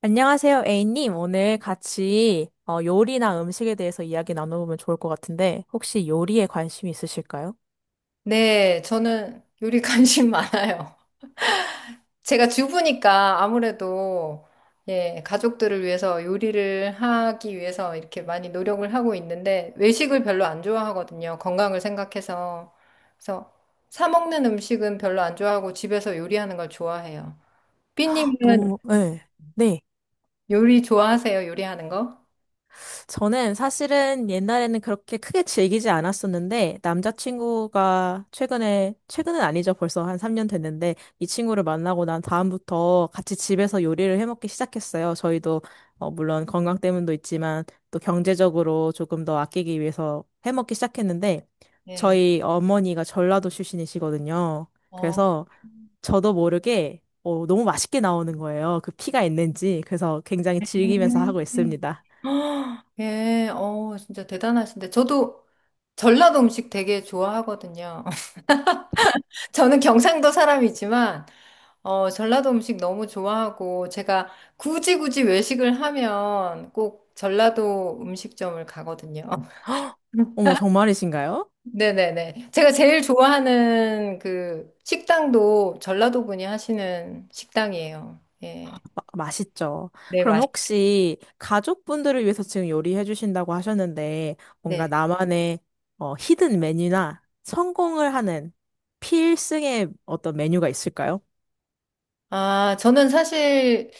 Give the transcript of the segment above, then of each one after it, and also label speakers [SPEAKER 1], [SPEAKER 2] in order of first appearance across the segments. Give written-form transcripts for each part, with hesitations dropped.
[SPEAKER 1] 안녕하세요, A님. 오늘 같이 요리나 음식에 대해서 이야기 나눠보면 좋을 것 같은데, 혹시 요리에 관심 있으실까요?
[SPEAKER 2] 네, 저는 요리 관심 많아요. 제가 주부니까 아무래도 예, 가족들을 위해서 요리를 하기 위해서 이렇게 많이 노력을 하고 있는데 외식을 별로 안 좋아하거든요. 건강을 생각해서. 그래서 사 먹는 음식은 별로 안 좋아하고 집에서 요리하는 걸 좋아해요. 삐님은
[SPEAKER 1] 너무, 네.
[SPEAKER 2] 요리 좋아하세요? 요리하는 거?
[SPEAKER 1] 저는 사실은 옛날에는 그렇게 크게 즐기지 않았었는데, 남자친구가 최근에, 최근은 아니죠. 벌써 한 3년 됐는데, 이 친구를 만나고 난 다음부터 같이 집에서 요리를 해 먹기 시작했어요. 물론 건강 때문도 있지만, 또 경제적으로 조금 더 아끼기 위해서 해 먹기 시작했는데,
[SPEAKER 2] 네.
[SPEAKER 1] 저희 어머니가 전라도 출신이시거든요.
[SPEAKER 2] 어.
[SPEAKER 1] 그래서 저도 모르게, 너무 맛있게 나오는 거예요. 그 피가 있는지. 그래서 굉장히 즐기면서 하고
[SPEAKER 2] 음.
[SPEAKER 1] 있습니다.
[SPEAKER 2] 아, 예, 진짜 대단하신데. 저도 전라도 음식 되게 좋아하거든요. 저는 경상도 사람이지만, 전라도 음식 너무 좋아하고, 제가 굳이 굳이 외식을 하면 꼭 전라도 음식점을 가거든요.
[SPEAKER 1] 어머, 정말이신가요?
[SPEAKER 2] 네네네. 제가 제일 좋아하는 그 식당도 전라도 분이 하시는 식당이에요. 예.
[SPEAKER 1] 맛있죠.
[SPEAKER 2] 네,
[SPEAKER 1] 그럼
[SPEAKER 2] 맛있,
[SPEAKER 1] 혹시 가족분들을 위해서 지금 요리해 주신다고 하셨는데,
[SPEAKER 2] 네.
[SPEAKER 1] 뭔가 나만의 히든 메뉴나 성공을 하는 필승의 어떤 메뉴가 있을까요?
[SPEAKER 2] 아, 저는 사실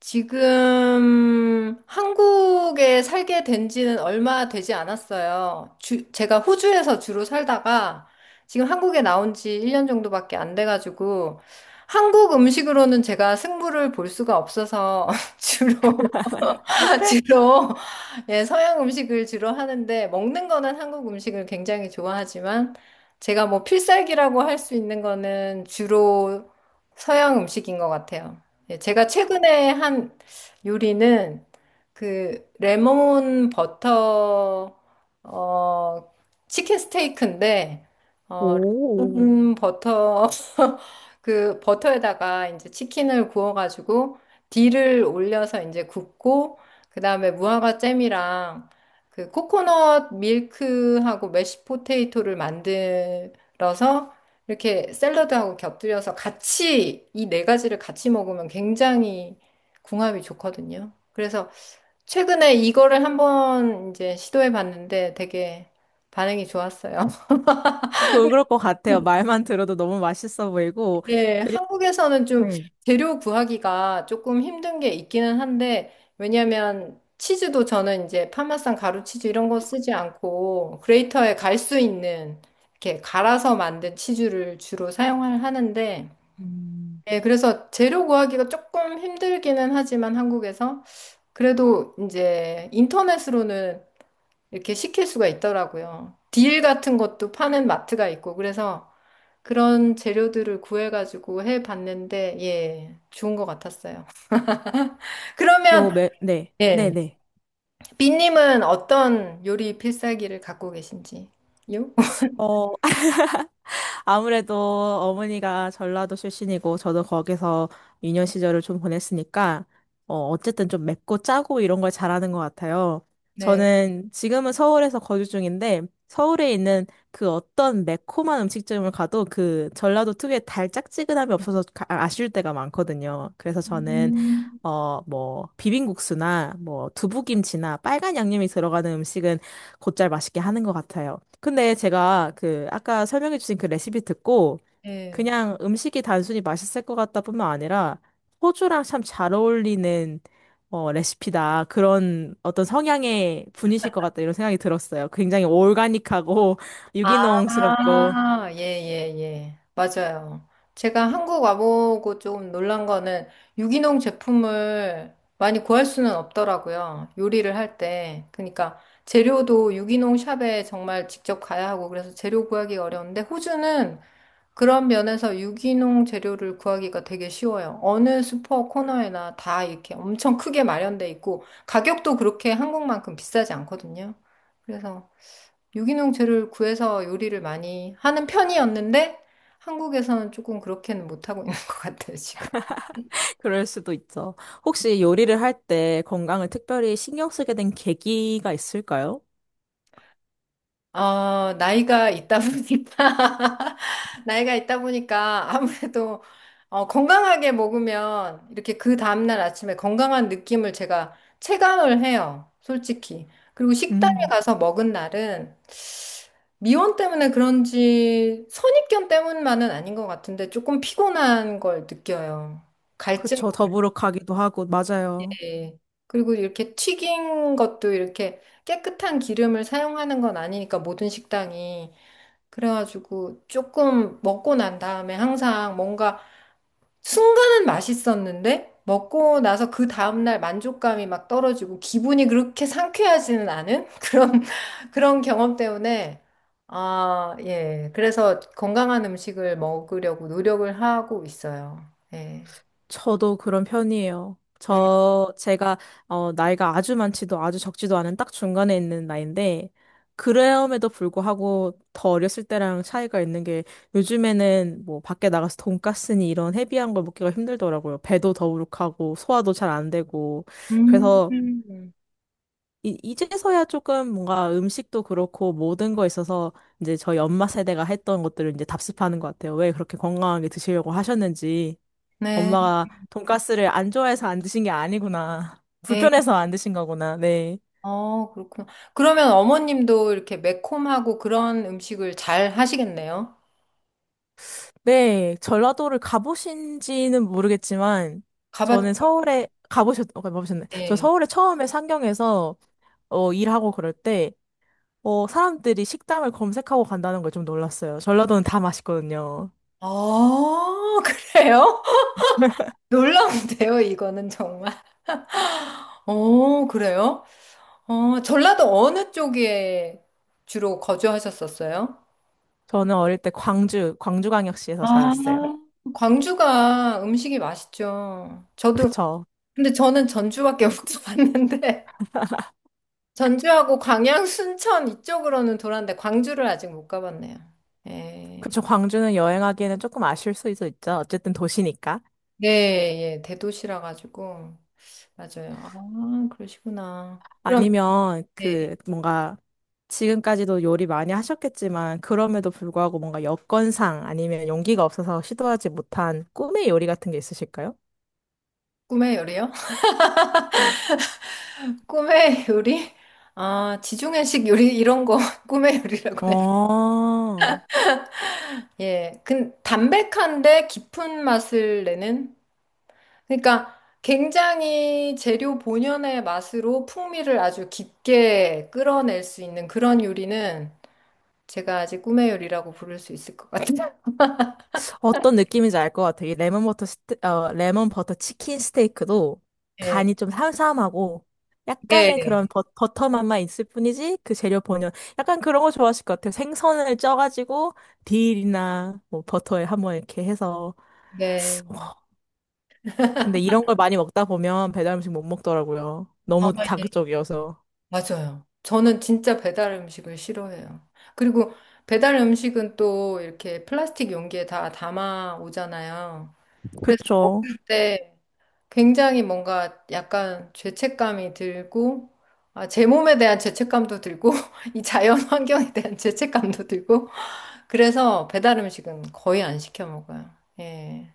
[SPEAKER 2] 지금 한국에 살게 된 지는 얼마 되지 않았어요. 제가 호주에서 주로 살다가 지금 한국에 나온 지 1년 정도밖에 안 돼가지고 한국 음식으로는 제가 승부를 볼 수가 없어서 주로 주로 예, 서양 음식을 주로 하는데 먹는 거는 한국 음식을 굉장히 좋아하지만 제가 뭐 필살기라고 할 수 있는 거는 주로 서양 음식인 것 같아요. 예, 제가 최근에 한 요리는 그 레몬 버터 어 치킨 스테이크인데 어
[SPEAKER 1] 오,
[SPEAKER 2] 레몬 버터 그 버터에다가 이제 치킨을 구워가지고 딜을 올려서 이제 굽고 그다음에 무화과 잼이랑 그 코코넛 밀크하고 메쉬 포테이토를 만들어서 이렇게 샐러드하고 곁들여서 같이 이 네 가지를 같이 먹으면 굉장히 궁합이 좋거든요. 그래서 최근에 이거를 한번 이제 시도해 봤는데 되게 반응이 좋았어요.
[SPEAKER 1] 그럴 것 같아요. 말만 들어도 너무 맛있어 보이고,
[SPEAKER 2] 네,
[SPEAKER 1] 그리고,
[SPEAKER 2] 한국에서는 좀
[SPEAKER 1] 네.
[SPEAKER 2] 재료 구하기가 조금 힘든 게 있기는 한데, 왜냐면 치즈도 저는 이제 파마산 가루 치즈 이런 거 쓰지 않고, 그레이터에 갈 수 있는, 이렇게 갈아서 만든 치즈를 주로 사용을 하는데,
[SPEAKER 1] 음,
[SPEAKER 2] 네, 그래서 재료 구하기가 조금 힘들기는 하지만 한국에서, 그래도 이제 인터넷으로는 이렇게 시킬 수가 있더라고요. 딜 같은 것도 파는 마트가 있고, 그래서 그런 재료들을 구해가지고 해봤는데, 예, 좋은 것 같았어요. 그러면,
[SPEAKER 1] 네,
[SPEAKER 2] 예,
[SPEAKER 1] 네네.
[SPEAKER 2] 빈님은 어떤 요리 필살기를 갖고 계신지요?
[SPEAKER 1] 어, 아무래도 어머니가 전라도 출신이고 저도 거기서 유년 시절을 좀 보냈으니까 어쨌든 좀 맵고 짜고 이런 걸 잘하는 것 같아요.
[SPEAKER 2] 네.
[SPEAKER 1] 저는 지금은 서울에서 거주 중인데 서울에 있는 그 어떤 매콤한 음식점을 가도 그 전라도 특유의 달짝지근함이 없어서 아, 아쉬울 때가 많거든요. 그래서 저는
[SPEAKER 2] 음.
[SPEAKER 1] 비빔국수나, 두부김치나 빨간 양념이 들어가는 음식은 곧잘 맛있게 하는 것 같아요. 근데 제가 그 아까 설명해 주신 그 레시피 듣고
[SPEAKER 2] 예.
[SPEAKER 1] 그냥 음식이 단순히 맛있을 것 같다 뿐만 아니라 호주랑 참 잘 어울리는 레시피다. 그런 어떤 성향의 분이실 것 같다. 이런 생각이 들었어요. 굉장히 올가닉하고 유기농스럽고.
[SPEAKER 2] 아, 예, 예, 예. 맞아요. 제가 한국 와보고 조금 놀란 거는 유기농 제품을 많이 구할 수는 없더라고요. 요리를 할 때. 그러니까 재료도 유기농 샵에 정말 직접 가야 하고 그래서 재료 구하기 가 어려운데 호주는 그런 면에서 유기농 재료를 구하기가 되게 쉬워요. 어느 슈퍼 코너에나 다 이렇게 엄청 크게 마련돼 있고 가격도 그렇게 한국만큼 비싸지 않거든요. 그래서 유기농 재료를 구해서 요리를 많이 하는 편이었는데 한국에서는 조금 그렇게는 못하고 있는 것 같아요, 지금.
[SPEAKER 1] 그럴 수도 있죠. 혹시 요리를 할 때 건강을 특별히 신경 쓰게 된 계기가 있을까요?
[SPEAKER 2] 나이가 있다 보니까, 나이가 있다 보니까 아무래도 건강하게 먹으면 이렇게 그 다음날 아침에 건강한 느낌을 제가 체감을 해요, 솔직히. 그리고 식당에
[SPEAKER 1] 음.
[SPEAKER 2] 가서 먹은 날은 미원 때문에 그런지 선입견 때문만은 아닌 것 같은데 조금 피곤한 걸 느껴요. 갈증이.
[SPEAKER 1] 그쵸. 더부룩하기도 하고, 맞아요.
[SPEAKER 2] 그리고 이렇게 튀긴 것도 이렇게 깨끗한 기름을 사용하는 건 아니니까 모든 식당이. 그래가지고 조금 먹고 난 다음에 항상 뭔가 순간은 맛있었는데 먹고 나서 그 다음날 만족감이 막 떨어지고 기분이 그렇게 상쾌하지는 않은 그런, 그런 경험 때문에 아, 예. 그래서 건강한 음식을 먹으려고 노력을 하고 있어요. 예.
[SPEAKER 1] 저도 그런 편이에요.
[SPEAKER 2] 네.
[SPEAKER 1] 나이가 아주 많지도 아주 적지도 않은 딱 중간에 있는 나이인데, 그럼에도 불구하고 더 어렸을 때랑 차이가 있는 게, 요즘에는 뭐 밖에 나가서 돈까스니 이런 헤비한 걸 먹기가 힘들더라고요. 배도 더부룩하고, 소화도 잘 안 되고.
[SPEAKER 2] 음.
[SPEAKER 1] 그래서,
[SPEAKER 2] 음.
[SPEAKER 1] 이제서야 조금 뭔가 음식도 그렇고, 모든 거 있어서, 이제 저희 엄마 세대가 했던 것들을 이제 답습하는 것 같아요. 왜 그렇게 건강하게 드시려고 하셨는지.
[SPEAKER 2] 네.
[SPEAKER 1] 엄마가 돈가스를 안 좋아해서 안 드신 게 아니구나.
[SPEAKER 2] 네.
[SPEAKER 1] 불편해서 안 드신 거구나. 네.
[SPEAKER 2] 어, 그렇구나. 그러면 어머님도 이렇게 매콤하고 그런 음식을 잘 하시겠네요.
[SPEAKER 1] 네, 전라도를 가보신지는 모르겠지만,
[SPEAKER 2] 가봤
[SPEAKER 1] 저는 서울에, 가보셨, 어, 가보셨네. 저
[SPEAKER 2] 예.
[SPEAKER 1] 서울에 처음에 상경해서, 일하고 그럴 때, 사람들이 식당을 검색하고 간다는 걸 좀 놀랐어요. 전라도는 다 맛있거든요.
[SPEAKER 2] 아, 그래요? 놀라운데요, 이거는 정말. 어, 그래요? 전라도 어느 쪽에 주로 거주하셨었어요?
[SPEAKER 1] 저는 어릴 때 광주광역시에서
[SPEAKER 2] 아,
[SPEAKER 1] 자랐어요.
[SPEAKER 2] 광주가 음식이 맛있죠. 저도,
[SPEAKER 1] 그쵸.
[SPEAKER 2] 근데 저는 전주밖에 못 가봤는데, 전주하고 광양, 순천 이쪽으로는 돌았는데, 광주를 아직 못 가봤네요. 예.
[SPEAKER 1] 그쵸. 광주는 여행하기에는 조금 아쉬울 수 있어 있죠. 어쨌든 도시니까.
[SPEAKER 2] 네, 예, 대도시라 가지고. 맞아요. 아, 그러시구나. 그럼,
[SPEAKER 1] 아니면
[SPEAKER 2] 예,
[SPEAKER 1] 그 뭔가 지금까지도 요리 많이 하셨겠지만 그럼에도 불구하고 뭔가 여건상 아니면 용기가 없어서 시도하지 못한 꿈의 요리 같은 게 있으실까요?
[SPEAKER 2] 꿈의 요리요? 꿈의 요리? 아, 지중해식 요리 이런 거 꿈의 요리라고 해요.
[SPEAKER 1] 어,
[SPEAKER 2] 예. 근 담백한데 깊은 맛을 내는 그러니까 굉장히 재료 본연의 맛으로 풍미를 아주 깊게 끌어낼 수 있는 그런 요리는 제가 아직 꿈의 요리라고 부를 수 있을 것 같아요.
[SPEAKER 1] 어떤 느낌인지 알 것 같아요. 이 레몬 버터 스테, 어, 레몬 버터 치킨 스테이크도
[SPEAKER 2] 예.
[SPEAKER 1] 간이 좀 삼삼하고 약간의
[SPEAKER 2] 예.
[SPEAKER 1] 그런 버터 맛만 있을 뿐이지 그 재료 본연 약간 그런 거 좋아하실 것 같아요. 생선을 쪄가지고 딜이나 뭐 버터에 한번 이렇게 해서
[SPEAKER 2] 네.
[SPEAKER 1] 근데 이런 걸 많이 먹다 보면 배달 음식 못 먹더라고요.
[SPEAKER 2] 아,
[SPEAKER 1] 너무
[SPEAKER 2] 예.
[SPEAKER 1] 자극적이어서.
[SPEAKER 2] 맞아요. 저는 진짜 배달 음식을 싫어해요. 그리고 배달 음식은 또 이렇게 플라스틱 용기에 다 담아 오잖아요. 그래서
[SPEAKER 1] 그쵸.
[SPEAKER 2] 먹을 때 굉장히 뭔가 약간 죄책감이 들고, 아, 제 몸에 대한 죄책감도 들고, 이 자연 환경에 대한 죄책감도 들고, 그래서 배달 음식은 거의 안 시켜 먹어요. 예.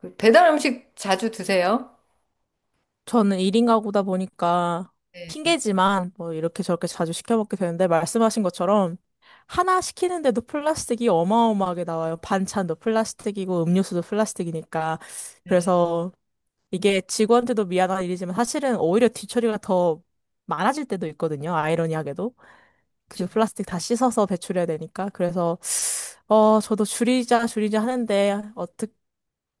[SPEAKER 2] 그 배달 음식 자주 드세요?
[SPEAKER 1] 저는 1인 가구다 보니까
[SPEAKER 2] 네.
[SPEAKER 1] 핑계지만 뭐 이렇게 저렇게 자주 시켜 먹게 되는데 말씀하신 것처럼 하나 시키는데도 플라스틱이 어마어마하게 나와요. 반찬도 플라스틱이고 음료수도 플라스틱이니까.
[SPEAKER 2] 네.
[SPEAKER 1] 그래서 이게 직원들도 미안한 일이지만 사실은 오히려 뒤처리가 더 많아질 때도 있거든요. 아이러니하게도. 그 플라스틱 다 씻어서 배출해야 되니까. 그래서 저도 줄이자, 줄이자 하는데,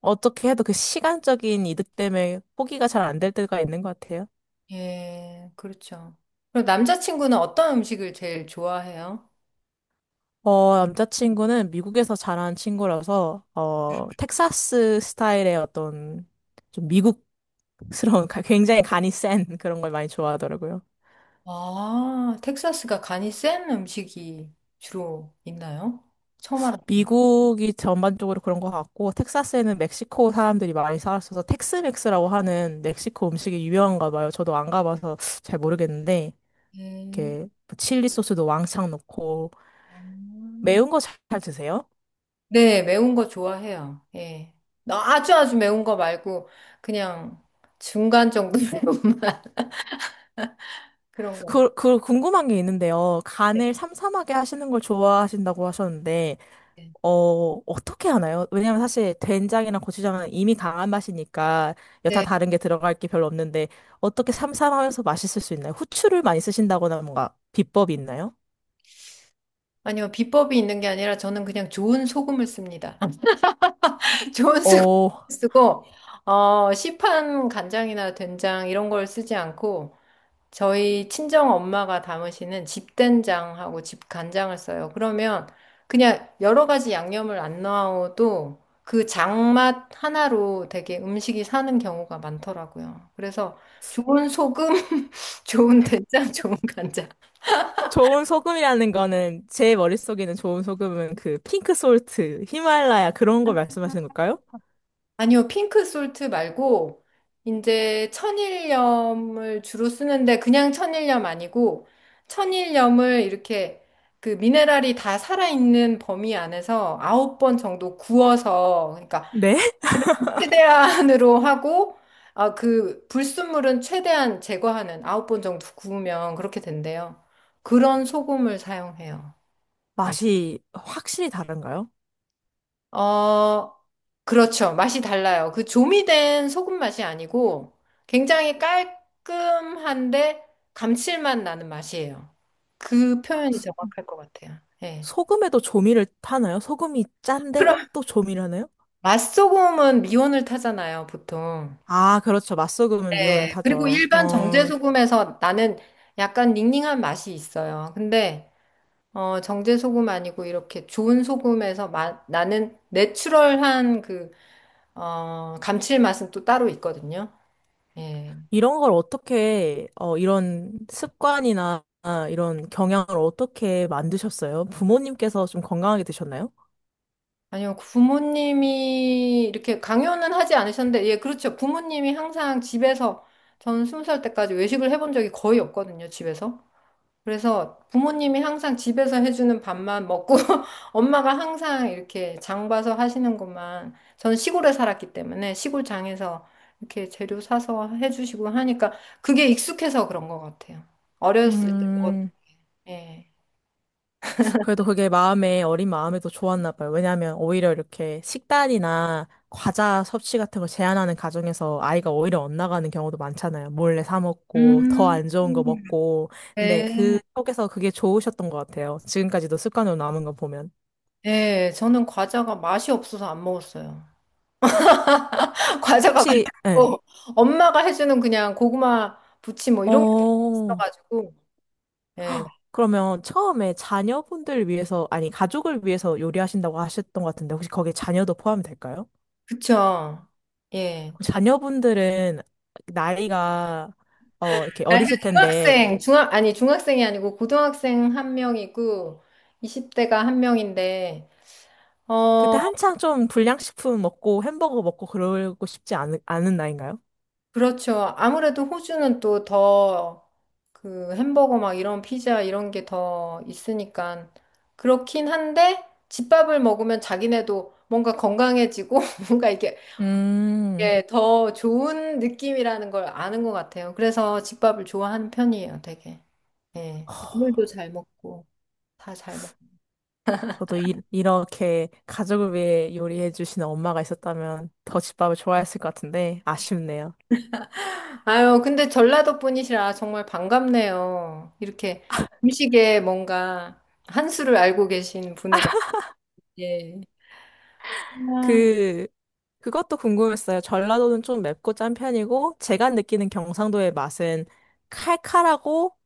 [SPEAKER 1] 어떻게 해도 그 시간적인 이득 때문에 포기가 잘 안 될 때가 있는 것 같아요.
[SPEAKER 2] 예, 그렇죠. 그럼 남자친구는 어떤 음식을 제일 좋아해요?
[SPEAKER 1] 남자친구는 미국에서 자란 친구라서, 텍사스 스타일의 어떤, 좀 미국스러운, 굉장히 간이 센 그런 걸 많이 좋아하더라고요.
[SPEAKER 2] 아, 텍사스가 간이 센 음식이 주로 있나요? 처음 알았어요.
[SPEAKER 1] 미국이 전반적으로 그런 것 같고, 텍사스에는 멕시코 사람들이 많이 살았어서, 텍스맥스라고 하는 멕시코 음식이 유명한가 봐요. 저도 안 가봐서 잘 모르겠는데,
[SPEAKER 2] 예.
[SPEAKER 1] 이렇게 뭐 칠리 소스도 왕창 넣고
[SPEAKER 2] 아.
[SPEAKER 1] 매운 거 잘 드세요?
[SPEAKER 2] 네, 매운 거 좋아해요. 예. 아주 아주 매운 거 말고 그냥 중간 정도 매운맛 그런 거.
[SPEAKER 1] 그 궁금한 게 있는데요.
[SPEAKER 2] 네.
[SPEAKER 1] 간을 삼삼하게 하시는 걸 좋아하신다고 하셨는데, 어떻게 하나요? 왜냐면 사실 된장이랑 고추장은 이미 강한 맛이니까 여타
[SPEAKER 2] 네.
[SPEAKER 1] 다른 게 들어갈 게 별로 없는데, 어떻게 삼삼하면서 맛있을 수 있나요? 후추를 많이 쓰신다거나 뭔가 비법이 있나요?
[SPEAKER 2] 아니요, 비법이 있는 게 아니라 저는 그냥 좋은 소금을 씁니다. 좋은 스프
[SPEAKER 1] 어,
[SPEAKER 2] 쓰고 시판 간장이나 된장 이런 걸 쓰지 않고 저희 친정 엄마가 담으시는 집된장하고 집간장을 써요. 그러면 그냥 여러 가지 양념을 안 넣어도 그 장맛 하나로 되게 음식이 사는 경우가 많더라고요. 그래서 좋은 소금, 좋은 된장, 좋은 간장.
[SPEAKER 1] 좋은 소금이라는 거는 제 머릿속에는 좋은 소금은 그 핑크 솔트, 히말라야 그런 거 말씀하시는 걸까요?
[SPEAKER 2] 아니요, 핑크 솔트 말고, 이제 천일염을 주로 쓰는데, 그냥 천일염 아니고, 천일염을 이렇게 그 미네랄이 다 살아있는 범위 안에서 9번 정도 구워서, 그러니까
[SPEAKER 1] 네?
[SPEAKER 2] 최대한으로 하고, 아, 그 불순물은 최대한 제거하는 9번 정도 구우면 그렇게 된대요. 그런 소금을 사용해요. 예.
[SPEAKER 1] 맛이 확실히 다른가요?
[SPEAKER 2] 어, 그렇죠. 맛이 달라요. 그 조미된 소금 맛이 아니고 굉장히 깔끔한데 감칠맛 나는 맛이에요. 그 표현이 정확할 것 같아요. 예.
[SPEAKER 1] 소금에도 조미를 타나요? 소금이 짠데
[SPEAKER 2] 그럼
[SPEAKER 1] 또 조미를 하나요?
[SPEAKER 2] 맛소금은 미온을 타잖아요, 보통.
[SPEAKER 1] 아, 그렇죠. 맛소금은 미온을
[SPEAKER 2] 네. 그리고
[SPEAKER 1] 타죠.
[SPEAKER 2] 일반 정제소금에서 나는 약간 닝닝한 맛이 있어요. 근데 정제소금 아니고 이렇게 좋은 소금에서 나는 내추럴한 그 감칠맛은 또 따로 있거든요. 예.
[SPEAKER 1] 이런 걸 이런 습관이나 이런 경향을 어떻게 만드셨어요? 부모님께서 좀 건강하게 드셨나요?
[SPEAKER 2] 아니요, 부모님이 이렇게 강요는 하지 않으셨는데, 예, 그렇죠. 부모님이 항상 집에서, 저는 20살 때까지 외식을 해본 적이 거의 없거든요, 집에서. 그래서 부모님이 항상 집에서 해주는 밥만 먹고, 엄마가 항상 이렇게 장 봐서 하시는 것만, 저는 시골에 살았기 때문에 시골 장에서 이렇게 재료 사서 해주시고 하니까, 그게 익숙해서 그런 것 같아요. 어렸을 때, 먹
[SPEAKER 1] 음,
[SPEAKER 2] 예.
[SPEAKER 1] 그래도 그게 마음에, 어린 마음에도 좋았나 봐요. 왜냐하면 오히려 이렇게 식단이나 과자 섭취 같은 걸 제한하는 가정에서 아이가 오히려 엇나가는 경우도 많잖아요. 몰래 사 먹고, 더
[SPEAKER 2] 음,
[SPEAKER 1] 안 좋은 거 먹고. 근데 그
[SPEAKER 2] 네.
[SPEAKER 1] 속에서 그게 좋으셨던 것 같아요. 지금까지도 습관으로 남은 거 보면.
[SPEAKER 2] 네, 저는 과자가 맛이 없어서 안 먹었어요. 과자가 맛이
[SPEAKER 1] 혹시, 예.
[SPEAKER 2] 없고 엄마가 해주는 그냥 고구마 부침 뭐 이런 게
[SPEAKER 1] 어,
[SPEAKER 2] 있어가지고 예,
[SPEAKER 1] 그러면 처음에 자녀분들 위해서, 아니, 가족을 위해서 요리하신다고 하셨던 것 같은데, 혹시 거기에 자녀도 포함이 될까요?
[SPEAKER 2] 그쵸. 예,
[SPEAKER 1] 그
[SPEAKER 2] 자,
[SPEAKER 1] 자녀분들은 나이가 어 이렇게
[SPEAKER 2] 나이가
[SPEAKER 1] 어리실 텐데
[SPEAKER 2] 중학생, 중학 아니 중학생이 아니고 고등학생 한 명이고 20대가 한 명인데 어,
[SPEAKER 1] 그때 한창 좀 불량식품 먹고 햄버거 먹고 그러고 싶지 않은 나이인가요?
[SPEAKER 2] 그렇죠. 아무래도 호주는 또 더 그 햄버거 막 이런 피자 이런 게 더 있으니까 그렇긴 한데 집밥을 먹으면 자기네도 뭔가 건강해지고 뭔가 이게
[SPEAKER 1] 음,
[SPEAKER 2] 예, 더 좋은 느낌이라는 걸 아는 것 같아요. 그래서 집밥을 좋아하는 편이에요, 되게. 예. 국물도 잘 먹고 다 잘 먹고.
[SPEAKER 1] 저도 이렇게 가족을 위해 요리해 주시는 엄마가 있었다면 더 집밥을 좋아했을 것 같은데 아쉽네요.
[SPEAKER 2] 아유, 근데 전라도 분이시라 정말 반갑네요. 이렇게 음식에 뭔가 한 수를 알고 계신 분을 봤 예. 아,
[SPEAKER 1] 그 그것도 궁금했어요. 전라도는 좀 맵고 짠 편이고 제가 느끼는 경상도의 맛은 칼칼하고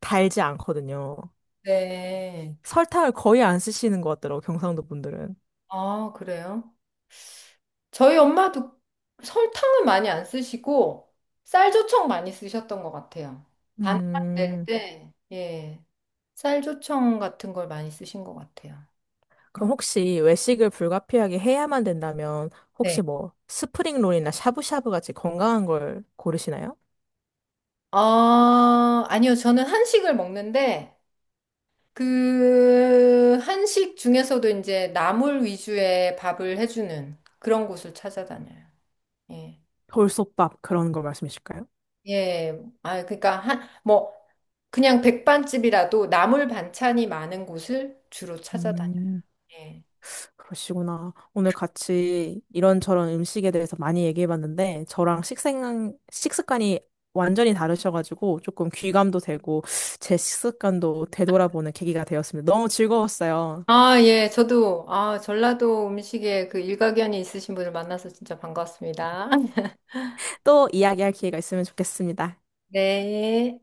[SPEAKER 1] 달지 않거든요.
[SPEAKER 2] 네.
[SPEAKER 1] 설탕을 거의 안 쓰시는 것 같더라고, 경상도 분들은.
[SPEAKER 2] 아, 그래요? 저희 엄마도 설탕은 많이 안 쓰시고 쌀조청 많이 쓰셨던 것 같아요. 반찬 낼
[SPEAKER 1] 음,
[SPEAKER 2] 때, 예. 쌀조청 같은 걸 많이 쓰신 것 같아요.
[SPEAKER 1] 그럼 혹시 외식을 불가피하게 해야만 된다면,
[SPEAKER 2] 네.
[SPEAKER 1] 혹시 뭐, 스프링롤이나 샤브샤브 같이 건강한 걸 고르시나요?
[SPEAKER 2] 아, 아니요. 저는 한식을 먹는데 그 한식 중에서도 이제 나물 위주의 밥을 해주는 그런 곳을 찾아다녀요. 예.
[SPEAKER 1] 돌솥밥 그런 걸 말씀이실까요?
[SPEAKER 2] 예. 아, 그러니까 한, 뭐 그냥 백반집이라도 나물 반찬이 많은 곳을 주로 찾아다녀요.
[SPEAKER 1] 음,
[SPEAKER 2] 예.
[SPEAKER 1] 그러시구나. 오늘 같이 이런저런 음식에 대해서 많이 얘기해봤는데, 저랑 식습관이 완전히 다르셔가지고, 조금 귀감도 되고, 제 식습관도 되돌아보는 계기가 되었습니다. 너무 즐거웠어요.
[SPEAKER 2] 아, 예, 저도, 아, 전라도 음식에 그 일가견이 있으신 분을 만나서 진짜 반가웠습니다.
[SPEAKER 1] 또 이야기할 기회가 있으면 좋겠습니다.
[SPEAKER 2] 네.